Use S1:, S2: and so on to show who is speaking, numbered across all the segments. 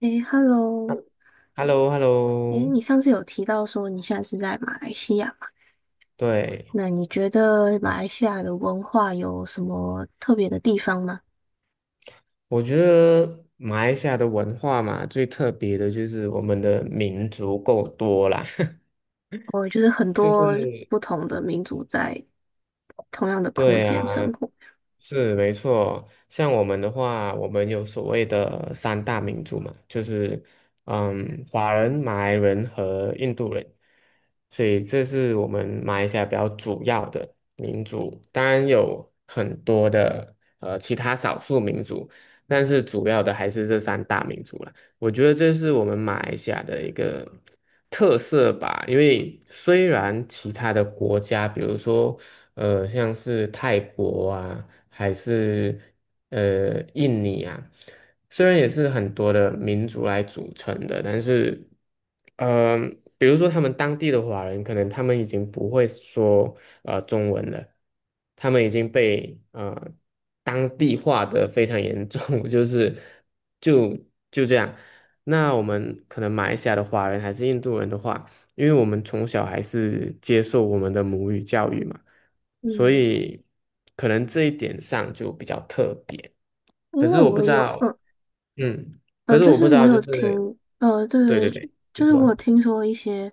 S1: 诶，Hello，
S2: hello hello
S1: 诶，你上次有提到说你现在是在马来西亚嘛？
S2: 对，
S1: 那你觉得马来西亚的文化有什么特别的地方吗？
S2: 我觉得马来西亚的文化嘛，最特别的就是我们的民族够多啦，
S1: 哦，就是很
S2: 就
S1: 多
S2: 是
S1: 不同的民族在同样的空
S2: 对
S1: 间
S2: 啊，
S1: 生活。
S2: 是没错。像我们的话，我们有所谓的三大民族嘛，就是华人、马来人和印度人，所以这是我们马来西亚比较主要的民族。当然有很多的其他少数民族，但是主要的还是这三大民族了。我觉得这是我们马来西亚的一个特色吧，因为虽然其他的国家，比如说，像是泰国啊，还是印尼啊，虽然也是很多的民族来组成的，但是，呃，比如说他们当地的华人，可能他们已经不会说中文了，他们已经被当地化的非常严重，就是就就这样。那我们可能马来西亚的华人还是印度人的话，因为我们从小还是接受我们的母语教育嘛，所
S1: 嗯，
S2: 以可能这一点上就比较特别。
S1: 因
S2: 可是
S1: 为
S2: 我不
S1: 我
S2: 知
S1: 有，
S2: 道，
S1: 嗯，
S2: 嗯，可
S1: 呃，
S2: 是
S1: 就
S2: 我不
S1: 是
S2: 知
S1: 我
S2: 道，就
S1: 有听，
S2: 是
S1: 呃，
S2: 对对
S1: 对，
S2: 对，你
S1: 就是我有
S2: 说，
S1: 听说一些，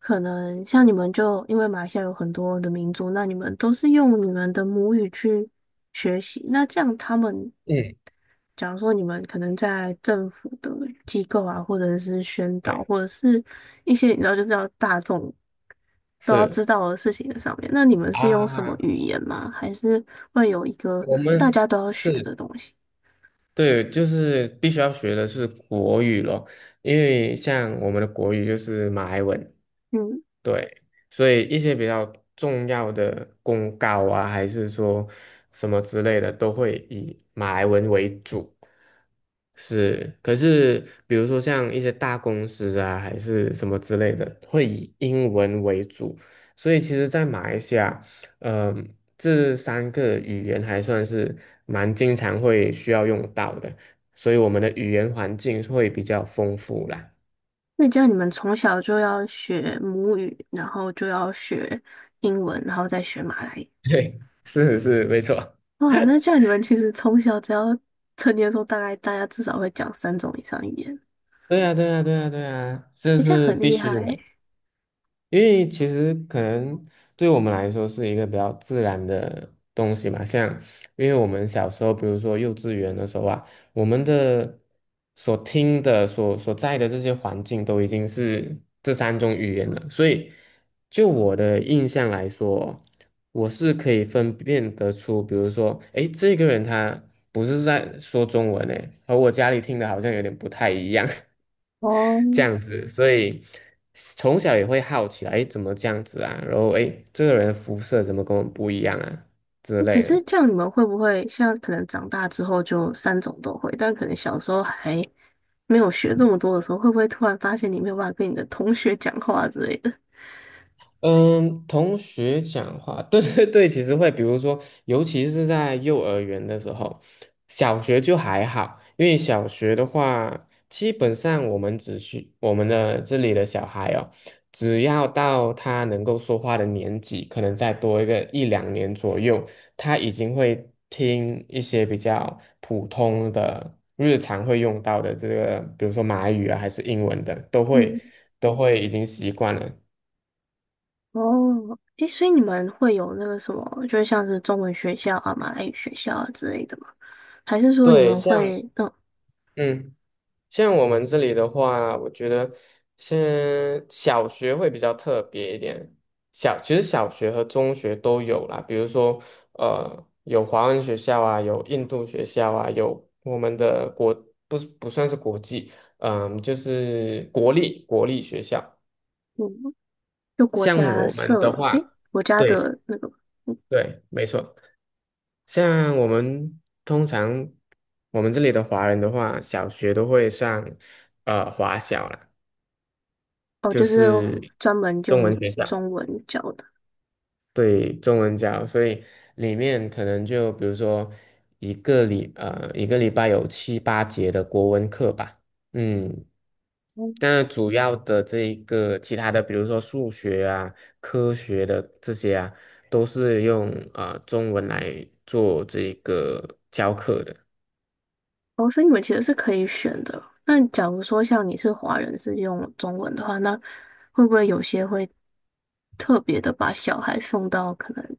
S1: 可能像你们就因为马来西亚有很多的民族，那你们都是用你们的母语去学习，那这样他们
S2: 嗯，
S1: 假如说你们可能在政府的机构啊，或者是宣
S2: 对，
S1: 导，或者是一些你知道就是要大众都要知
S2: 是
S1: 道的事情的上面，那你们是用什么
S2: 啊，
S1: 语言吗？还是会有一个
S2: 我
S1: 大
S2: 们
S1: 家都要学
S2: 是
S1: 的东西？
S2: 对，就是必须要学的是国语咯，因为像我们的国语就是马来文，
S1: 嗯，
S2: 对，所以一些比较重要的公告啊，还是说什么之类的，都会以马来文为主。是，可是比如说像一些大公司啊，还是什么之类的，会以英文为主。所以其实，在马来西亚，嗯、这三个语言还算是蛮经常会需要用到的，所以我们的语言环境会比较丰富啦。
S1: 那这样你们从小就要学母语，然后就要学英文，然后再学马来语。
S2: 是是，没错。
S1: 哇，那这样你们其实从小只要成年的时候，大概大家至少会讲三种以上语言，
S2: 对呀，对呀，对呀，对呀，这
S1: 诶这样
S2: 是
S1: 很
S2: 必
S1: 厉
S2: 须
S1: 害
S2: 的，
S1: 欸
S2: 因为其实可能对我们来说是一个比较自然的东西嘛，因为我们小时候，比如说幼稚园的时候啊，我们的所听的、所在的这些环境都已经是这三种语言了，所以就我的印象来说，我是可以分辨得出，比如说，诶，这个人他不是在说中文诶，和我家里听的好像有点不太一样。
S1: 哦，
S2: 这样子，所以从小也会好奇，哎，怎么这样子啊？然后哎，诶这个人的肤色怎么跟我们不一样啊之
S1: 可
S2: 类
S1: 是
S2: 的。
S1: 这样你们会不会像可能长大之后就三种都会，但可能小时候还没有学这么多的时候，会不会突然发现你没有办法跟你的同学讲话之类的？
S2: 嗯，同学讲话，对对对，其实会，比如说，尤其是在幼儿园的时候，小学就还好，因为小学的话，基本上我们只需我们的这里的小孩哦，只要到他能够说话的年纪，可能再多一个一两年左右，他已经会听一些比较普通的日常会用到的这个，比如说马来语啊，还是英文的，都
S1: 嗯，
S2: 会已经习惯了。
S1: 哦，诶，所以你们会有那个什么，就是像是中文学校啊、马来语学校啊之类的吗？还是说你
S2: 对，
S1: 们会，嗯
S2: 嗯，像我们这里的话，我觉得先小学会比较特别一点。其实小学和中学都有啦，比如说，有华文学校啊，有印度学校啊，有我们的国，不是不算是国际，就是国立学校。
S1: 嗯，就国
S2: 像
S1: 家
S2: 我们的
S1: 设，诶，
S2: 话，
S1: 国家
S2: 对
S1: 的那个，嗯
S2: 对，没错。像我们通常我们这里的华人的话，小学都会上华小啦。
S1: 哦，就
S2: 就
S1: 是
S2: 是
S1: 专门
S2: 中
S1: 用
S2: 文学校，
S1: 中文教的？
S2: 对，中文教，所以里面可能就比如说一个礼拜有七八节的国文课吧，嗯，但主要的这一个其他的，比如说数学啊、科学的这些啊，都是用中文来做这个教课的。
S1: 哦，所以你们其实是可以选的。那假如说像你是华人是用中文的话，那会不会有些会特别的把小孩送到可能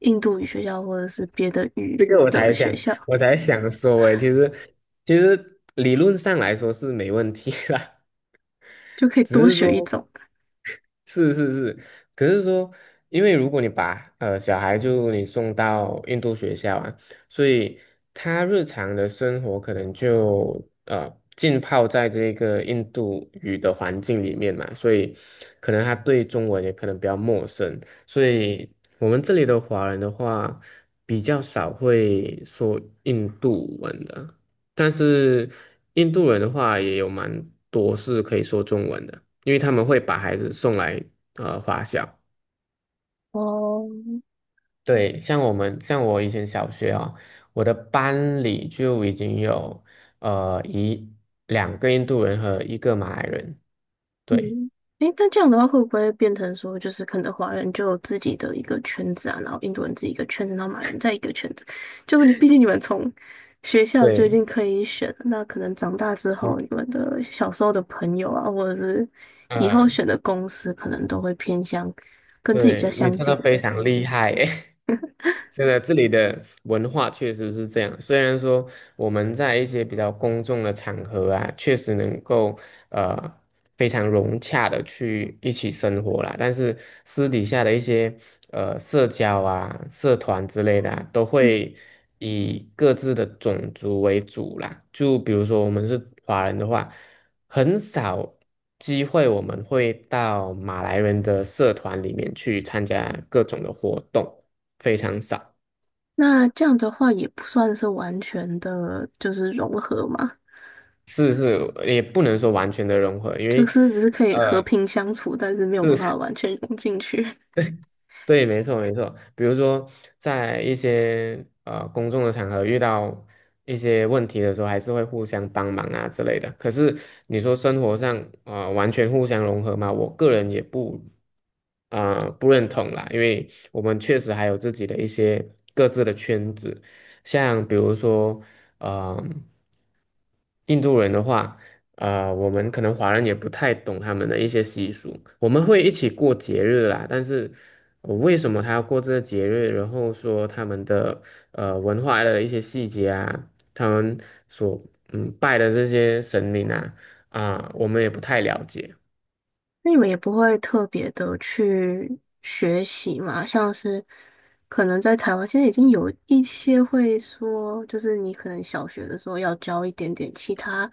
S1: 印度语学校或者是别的
S2: 这
S1: 语
S2: 个我
S1: 的
S2: 才
S1: 学
S2: 想，
S1: 校，
S2: 我才想说诶，其实理论上来说是没问题啦。
S1: 就可以
S2: 只
S1: 多
S2: 是
S1: 学一
S2: 说。
S1: 种？
S2: 是是是，可是说，因为如果你把小孩送到印度学校啊，所以他日常的生活可能就呃浸泡在这个印度语的环境里面嘛，所以可能他对中文也可能比较陌生，所以我们这里的华人的话，比较少会说印度文的。但是印度人的话也有蛮多是可以说中文的，因为他们会把孩子送来华小。
S1: 哦，
S2: 对，像我以前小学啊，我的班里就已经有一两个印度人和一个马来人。
S1: 嗯，
S2: 对
S1: 诶，那这样的话会不会变成说，就是可能华人就有自己的一个圈子啊，然后印度人自己一个圈子，然后马来人在一个圈子，就你毕竟你们从学校就已
S2: 对，
S1: 经可以选了那可能长大之
S2: 你
S1: 后，你们的小时候的朋友啊，或者是以后
S2: 呃，
S1: 选的公司，可能都会偏向跟自己比较
S2: 对，你
S1: 相
S2: 真
S1: 近。
S2: 的非常厉害耶！真的，这里的文化确实是这样。虽然说我们在一些比较公众的场合啊，确实能够呃非常融洽的去一起生活啦，但是私底下的一些社交啊、社团之类的啊都
S1: 嗯，
S2: 会以各自的种族为主啦。就比如说我们是华人的话，很少机会我们会到马来人的社团里面去参加各种的活动，非常少。
S1: 那这样的话也不算是完全的，就是融合嘛，
S2: 是是，也不能说完全的融合，因
S1: 就
S2: 为。
S1: 是只是可以和
S2: 呃。
S1: 平相处，但是没有办法完全融进去。
S2: 对，没错没错。比如说，在一些公众的场合遇到一些问题的时候，还是会互相帮忙啊之类的。可是你说生活上完全互相融合嘛，我个人也不认同啦，因为我们确实还有自己的一些各自的圈子，像比如说呃印度人的话。啊、我们可能华人也不太懂他们的一些习俗，我们会一起过节日啦，但是我为什么他要过这个节日，然后说他们的文化的一些细节啊，他们所拜的这些神灵啊，我们也不太了解。
S1: 那你们也不会特别的去学习嘛？像是可能在台湾现在已经有一些会说，就是你可能小学的时候要教一点点其他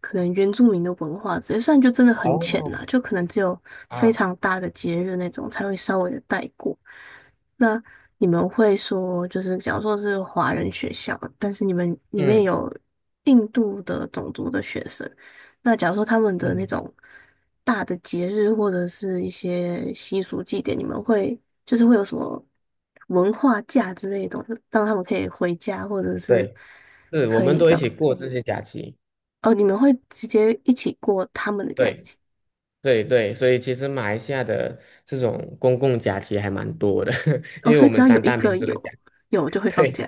S1: 可能原住民的文化之类，虽然就真的很浅
S2: 哦，
S1: 啦，就可能只有非
S2: 啊，
S1: 常大的节日那种才会稍微的带过。那你们会说，就是假如说是华人学校，但是你们里面
S2: 嗯
S1: 有印度的种族的学生。那假如说他们的那
S2: 嗯，
S1: 种大的节日或者是一些习俗祭典，你们会就是会有什么文化假之类的东西，让他们可以回家，或者是
S2: 对，是我
S1: 可
S2: 们
S1: 以
S2: 都一
S1: 干嘛？
S2: 起过这些假期，
S1: 哦，你们会直接一起过他们的假
S2: 对
S1: 期
S2: 对对，所以其实马来西亚的这种公共假期还蛮多的，
S1: 哦，
S2: 因为
S1: 所
S2: 我
S1: 以只
S2: 们
S1: 要有
S2: 三
S1: 一
S2: 大
S1: 个
S2: 民族的假，
S1: 有有就 会放假，
S2: 对，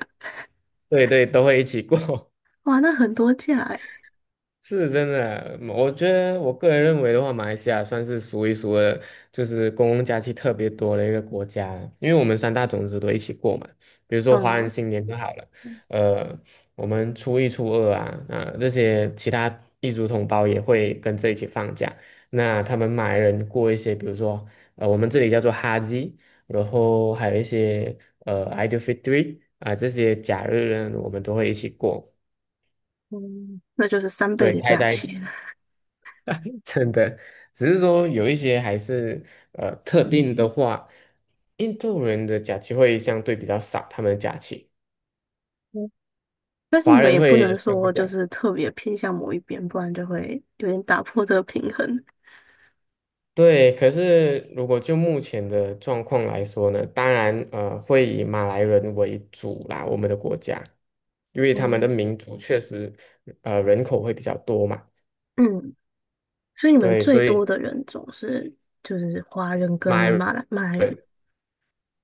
S2: 对对，都会一起过，
S1: 哇，那很多假哎，
S2: 是真的。我觉得我个人认为的话，马来西亚算是数一数二，就是公共假期特别多的一个国家了因为我们三大种族都一起过嘛。比如说华人
S1: 嗯，
S2: 新年就好了，呃，我们初一、初二啊，啊、这些其他异族同胞也会跟着一起放假。那他们马来人过一些，比如说我们这里叫做哈吉，然后还有一些Idul Fitri 啊、这些假日呢，我们都会一起过。
S1: 嗯那就是三倍
S2: 对，
S1: 的
S2: 开
S1: 假
S2: 在一起，
S1: 期了。
S2: 真的，只是说有一些还是特定的话，印度人的假期会相对比较少，他们的假期，
S1: 嗯但是
S2: 华
S1: 你们
S2: 人
S1: 也不
S2: 会
S1: 能
S2: 相对
S1: 说
S2: 比较
S1: 就是特别偏向某一边，不然就会有点打破这个平衡。
S2: 对。可是如果就目前的状况来说呢，当然会以马来人为主啦，我们的国家，因为他们的
S1: 嗯，
S2: 民族确实人口会比较多嘛，
S1: 嗯，所以你们
S2: 对，
S1: 最
S2: 所
S1: 多
S2: 以
S1: 的人种是就是华人跟
S2: 马来
S1: 马来人
S2: 人。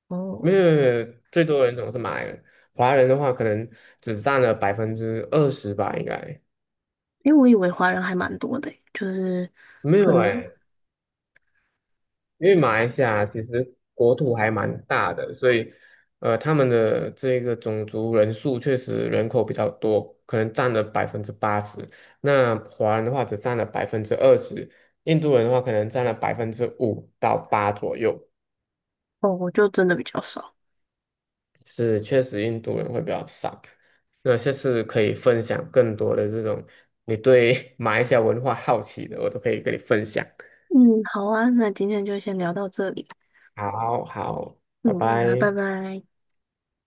S1: 哦，
S2: 没有没有，没有，最多人总是马来人，华人的话可能只占了百分之二十吧，应该
S1: 因为我以为华人还蛮多的欸就是
S2: 没有
S1: 很
S2: 哎、因为马来西亚其实国土还蛮大的，所以他们的这个种族人数确实人口比较多，可能占了80%。那华人的话只占了百分之二十，印度人的话可能占了5%到8%左右。
S1: 哦，我就真的比较少。
S2: 是确实印度人会比较少。那下次可以分享更多的这种你对 马来西亚文化好奇的，我都可以跟你分享。
S1: 嗯，好啊，那今天就先聊到这里。
S2: 好好，拜
S1: 嗯，那拜
S2: 拜。
S1: 拜。